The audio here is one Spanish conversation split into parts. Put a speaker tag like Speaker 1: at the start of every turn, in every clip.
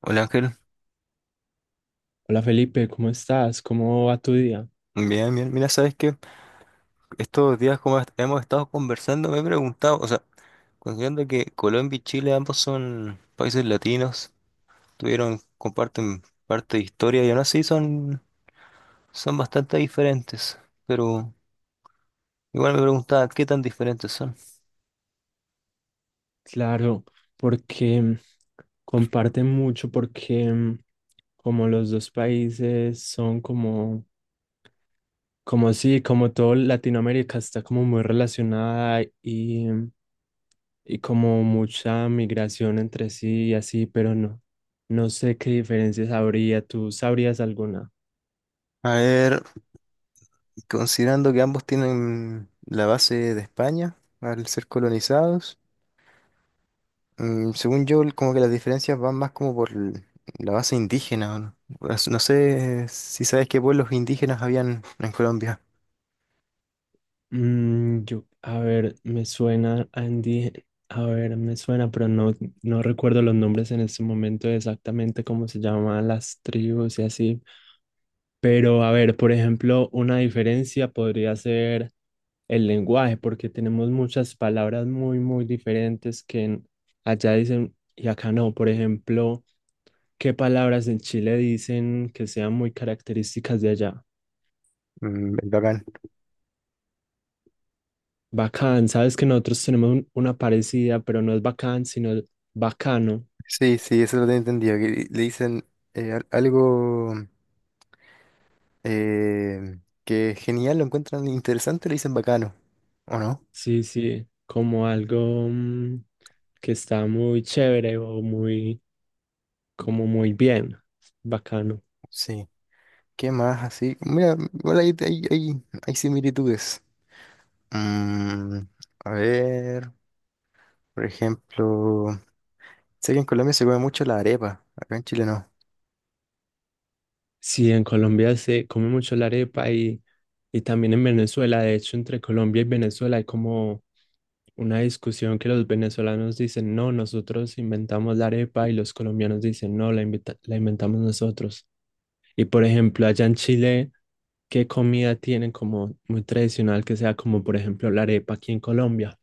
Speaker 1: Hola Ángel,
Speaker 2: Hola Felipe, ¿cómo estás? ¿Cómo va tu día?
Speaker 1: bien, bien. Mira, sabes que estos días hemos estado conversando, me he preguntado, o sea, considerando que Colombia y Chile ambos son países latinos, tuvieron, comparten parte de historia y aún así son, son bastante diferentes. Pero igual me preguntaba qué tan diferentes son.
Speaker 2: Claro, porque comparten mucho, porque como los dos países son como, como sí, como todo Latinoamérica está como muy relacionada y, y como mucha migración entre sí y así, pero no, no sé qué diferencias habría, ¿tú sabrías alguna?
Speaker 1: A ver, considerando que ambos tienen la base de España al ser colonizados. Según yo, como que las diferencias van más como por la base indígena. No, por no sé si sabes qué pueblos indígenas habían en Colombia.
Speaker 2: Yo, a ver, me suena Andy, a ver, me suena, pero no, no recuerdo los nombres en este momento exactamente cómo se llaman las tribus y así. Pero a ver, por ejemplo, una diferencia podría ser el lenguaje, porque tenemos muchas palabras muy, muy diferentes allá dicen y acá no. Por ejemplo, ¿qué palabras en Chile dicen que sean muy características de allá?
Speaker 1: El bacán.
Speaker 2: Bacán, sabes que nosotros tenemos una parecida, pero no es bacán, sino bacano.
Speaker 1: Sí, sí, eso lo tengo entendido. Que le dicen algo que es genial, lo encuentran interesante, le dicen bacano. ¿O no?
Speaker 2: Sí, sí, como algo que está muy chévere o muy, como muy bien, bacano.
Speaker 1: Sí. ¿Qué más así? Mira, igual hay similitudes. Mm, a ver, por ejemplo, sé que en Colombia se come mucho la arepa, acá en Chile no.
Speaker 2: Sí, en Colombia se come mucho la arepa y también en Venezuela. De hecho, entre Colombia y Venezuela hay como una discusión que los venezolanos dicen, no, nosotros inventamos la arepa y los colombianos dicen, no, la inventamos nosotros. Y por ejemplo, allá en Chile. ¿Qué comida tienen como muy tradicional que sea como por ejemplo la arepa aquí en Colombia?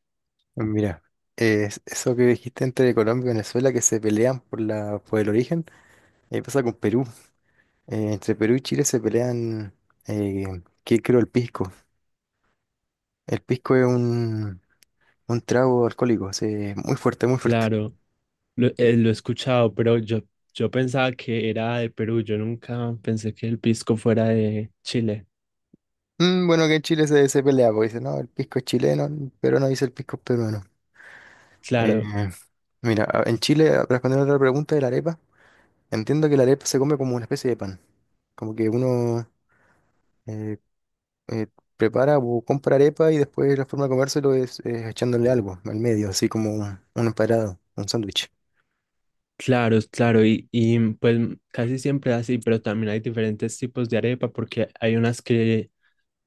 Speaker 1: Mira, eso que dijiste entre Colombia y Venezuela que se pelean por por el origen, ahí pasa con Perú. Entre Perú y Chile se pelean, eh, ¿qué creo? El pisco. El pisco es un trago alcohólico, así, muy fuerte, muy fuerte.
Speaker 2: Claro, lo he escuchado, pero yo pensaba que era de Perú, yo nunca pensé que el pisco fuera de Chile.
Speaker 1: Bueno, que en Chile se pelea, porque dice, no, el pisco es chileno, pero no dice el pisco es peruano. Eh,
Speaker 2: Claro,
Speaker 1: Mira, en Chile, respondiendo a otra pregunta de la arepa, entiendo que la arepa se come como una especie de pan. Como que uno, eh, eh, prepara o compra arepa y después la forma de comérselo es echándole algo al medio, así como un emparado, un sándwich.
Speaker 2: claro, claro, y pues casi siempre es así, pero también hay diferentes tipos de arepa porque hay unas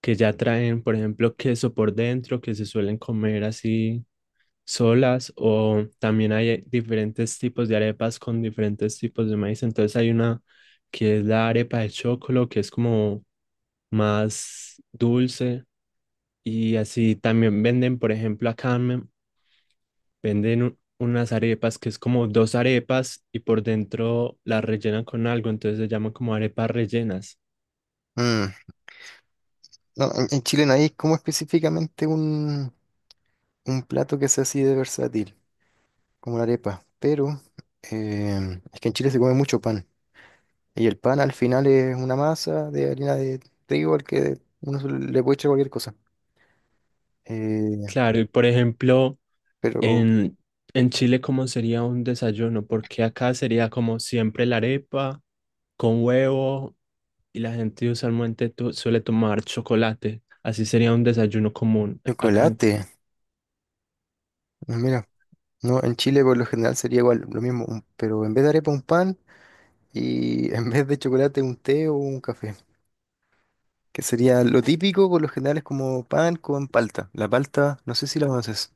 Speaker 2: que ya traen, por ejemplo, queso por dentro que se suelen comer así. Solas, o también hay diferentes tipos de arepas con diferentes tipos de maíz. Entonces hay una que es la arepa de chocolo, que es como más dulce y así también venden, por ejemplo, venden unas arepas que es como dos arepas y por dentro las rellenan con algo, entonces se llaman como arepas rellenas.
Speaker 1: Mm, no, en Chile no hay como específicamente un plato que sea así de versátil, como la arepa, pero es que en Chile se come mucho pan y el pan al final es una masa de harina de trigo al que uno se le puede echar cualquier cosa. Eh,
Speaker 2: Claro, y por ejemplo,
Speaker 1: pero
Speaker 2: en, en Chile, ¿cómo sería un desayuno? Porque acá sería como siempre la arepa con huevo y la gente usualmente suele tomar chocolate. Así sería un desayuno común acá. En...
Speaker 1: chocolate, mira, no, en Chile por lo general sería igual lo mismo, pero en vez de arepa un pan. Y en vez de chocolate un té o un café, que sería lo típico. Por lo general es como pan con palta. La palta, no sé si la conoces.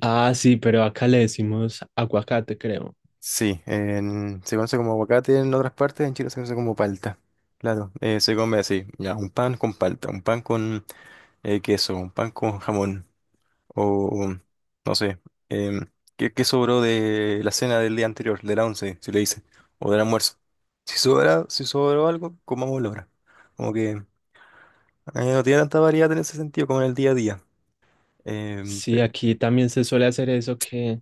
Speaker 2: Ah, sí, pero acá le decimos aguacate, creo.
Speaker 1: Sí, se conoce como aguacate en otras partes, en Chile se conoce como palta. Claro, se come así, ya, un pan con palta, un pan con queso, un pan con jamón, o no sé, em, ¿qué, qué sobró de la cena del día anterior, de la once, si le dice, o del almuerzo? Si sobra, si sobró algo, comámoslo ahora. Como que no tiene tanta variedad en ese sentido como en el día a día. Em,
Speaker 2: Sí,
Speaker 1: pe-
Speaker 2: aquí también se suele hacer eso que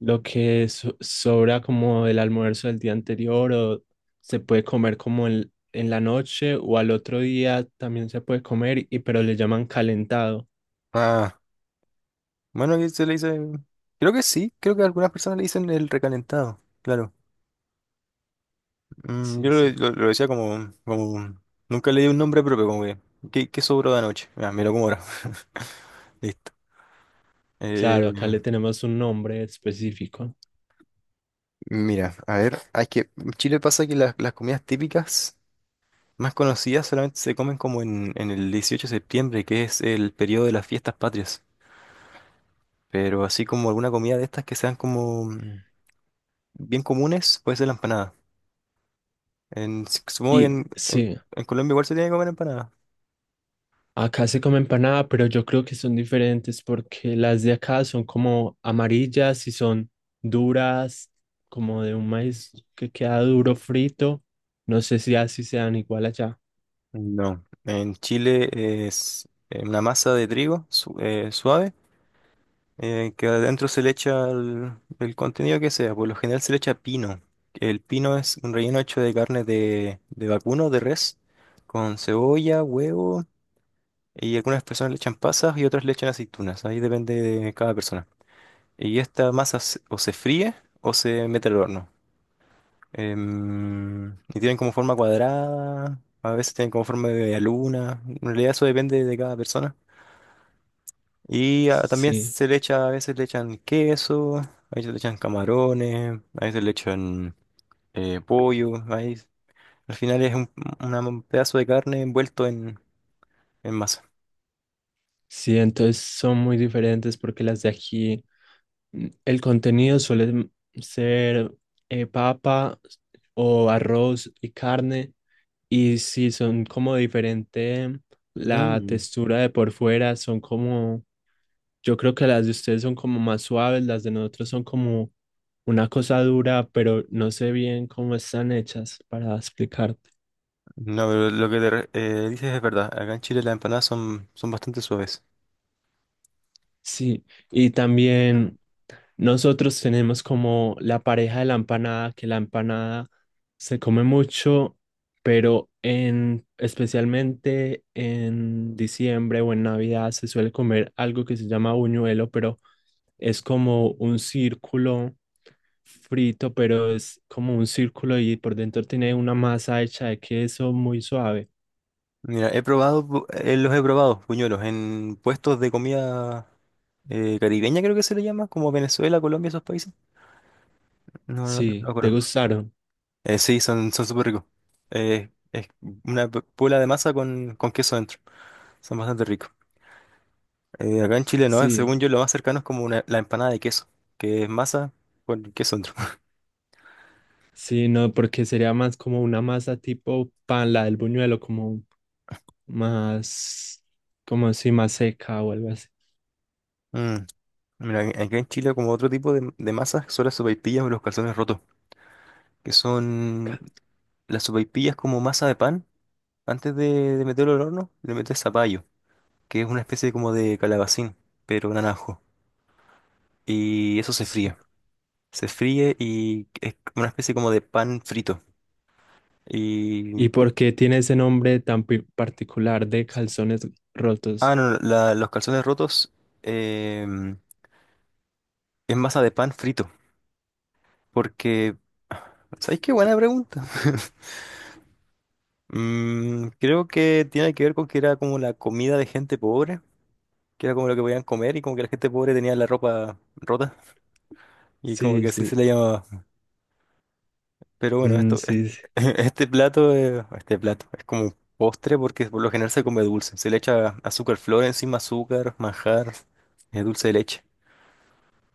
Speaker 2: lo que sobra como del almuerzo del día anterior o se puede comer como en la noche o al otro día también se puede comer y pero le llaman calentado.
Speaker 1: ah, bueno, que se le dice. Creo que sí, creo que a algunas personas le dicen el recalentado, claro. Yo
Speaker 2: Sí, sí.
Speaker 1: lo decía como, como. Nunca le di un nombre propio, como que. ¿Qué, qué sobró de anoche? Ah, me lo como ahora. Listo.
Speaker 2: Claro,
Speaker 1: Eh,
Speaker 2: acá le tenemos un nombre específico.
Speaker 1: Mira, a ver, hay que. En Chile pasa que las comidas típicas más conocidas solamente se comen como en el 18 de septiembre, que es el periodo de las fiestas patrias. Pero así como alguna comida de estas que sean como bien comunes puede ser la empanada. En, si, Supongo que
Speaker 2: Y sí.
Speaker 1: en Colombia igual se tiene que comer empanada.
Speaker 2: Acá se come empanada, pero yo creo que son diferentes porque las de acá son como amarillas y son duras, como de un maíz que queda duro frito. No sé si así sean igual allá.
Speaker 1: No. En Chile es una masa de trigo suave que adentro se le echa el contenido que sea. Por lo general se le echa pino. El pino es un relleno hecho de carne de vacuno, de res, con cebolla, huevo y algunas personas le echan pasas y otras le echan aceitunas. Ahí depende de cada persona. Y esta masa o se fríe o se mete al horno. Y tienen como forma cuadrada, a veces tienen como forma de media luna. En realidad eso depende de cada persona. Y ah, también
Speaker 2: Sí,
Speaker 1: se le echa, a veces le echan queso, a veces le echan camarones, a veces le echan pollo. Ahí, al final es un pedazo de carne envuelto en masa.
Speaker 2: sí, entonces son muy diferentes porque las de aquí, el contenido ser papa o arroz y carne. Y sí, son como diferente la
Speaker 1: Mm.
Speaker 2: textura de por fuera, son como... Yo creo que las de ustedes son como más suaves, las de nosotros son como una cosa dura, pero no sé bien cómo están hechas para explicarte.
Speaker 1: No, pero lo que te dices es verdad. Acá en Chile las empanadas son, son bastante suaves.
Speaker 2: Sí, y también nosotros tenemos como la pareja de la empanada, que la empanada se come mucho, pero en especialmente en diciembre o en Navidad se suele comer algo que se llama buñuelo, pero es como un círculo frito, pero es como un círculo y por dentro tiene una masa hecha de queso muy suave.
Speaker 1: Mira, he probado, los he probado, puñuelos, en puestos de comida caribeña creo que se le llama, como Venezuela, Colombia, esos países. No, no, no
Speaker 2: Sí,
Speaker 1: lo
Speaker 2: ¿te
Speaker 1: conozco.
Speaker 2: gustaron?
Speaker 1: Sí, son, son súper ricos. Es una bola de masa con queso dentro. Son bastante ricos. Acá en Chile, no, según
Speaker 2: Sí,
Speaker 1: yo, lo más cercano es como la empanada de queso, que es masa con queso dentro.
Speaker 2: sí, no, porque sería más como una masa tipo pan, la del buñuelo, como más, como así, más seca o algo así.
Speaker 1: Mm, Mira, acá en Chile como otro tipo de masas son las sopaipillas o los calzones rotos, que son
Speaker 2: Ca...
Speaker 1: las sopaipillas como masa de pan, antes de meterlo al horno, le metes zapallo, que es una especie como de calabacín, pero naranjo. Y eso se
Speaker 2: Sí.
Speaker 1: fríe. Se fríe y es una especie como de pan frito. Y...
Speaker 2: ¿Y por qué tiene ese nombre tan particular de calzones
Speaker 1: Ah,
Speaker 2: rotos?
Speaker 1: no, los calzones rotos em, es masa de pan frito. Porque... ¿Sabéis qué buena pregunta? Creo que tiene que ver con que era como la comida de gente pobre, que era como lo que podían comer y como que la gente pobre tenía la ropa rota y como
Speaker 2: Sí,
Speaker 1: que así se
Speaker 2: sí,
Speaker 1: le llamaba. Pero bueno, esto,
Speaker 2: sí, sí.
Speaker 1: este plato es como postre porque por lo general se come dulce. Se le echa azúcar flor encima, azúcar, manjar, dulce de leche.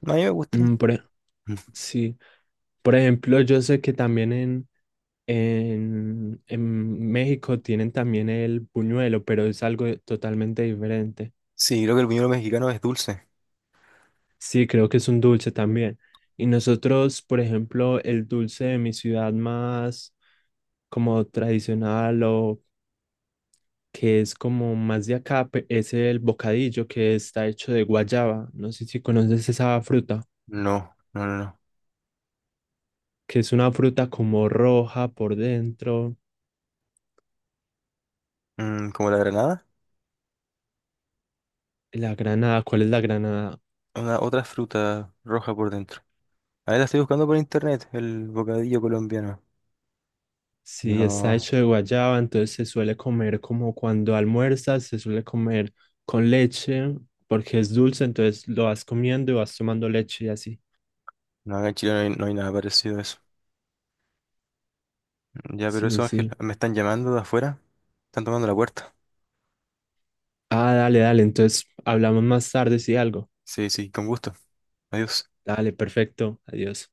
Speaker 1: A mí me gusta.
Speaker 2: Mm, por e-
Speaker 1: Mm.
Speaker 2: sí. Por ejemplo, yo sé que también en México tienen también el buñuelo, pero es algo totalmente diferente.
Speaker 1: Sí, creo que el buñuelo mexicano es dulce.
Speaker 2: Sí, creo que es un dulce también. Y nosotros, por ejemplo, el dulce de mi ciudad más como tradicional o que es como más de acá, es el bocadillo que está hecho de guayaba. No sé si conoces esa fruta,
Speaker 1: No, no, no, no.
Speaker 2: que es una fruta como roja por dentro.
Speaker 1: Mm, ¿como la granada?
Speaker 2: La granada, ¿cuál es la granada?
Speaker 1: Una otra fruta roja por dentro. Ahí la estoy buscando por internet, el bocadillo colombiano.
Speaker 2: Sí, está
Speaker 1: No,
Speaker 2: hecho de guayaba, entonces se suele comer como cuando almuerzas, se suele comer con leche, porque es dulce, entonces lo vas comiendo y vas tomando leche y así.
Speaker 1: no, acá en Chile no hay, no hay nada parecido a eso. Ya, pero
Speaker 2: Sí,
Speaker 1: eso, Ángel,
Speaker 2: sí.
Speaker 1: me están llamando de afuera. Están tomando la puerta.
Speaker 2: Ah, dale, dale, entonces hablamos más tarde si algo.
Speaker 1: Sí, sí, con gusto. Adiós.
Speaker 2: Dale, perfecto, adiós.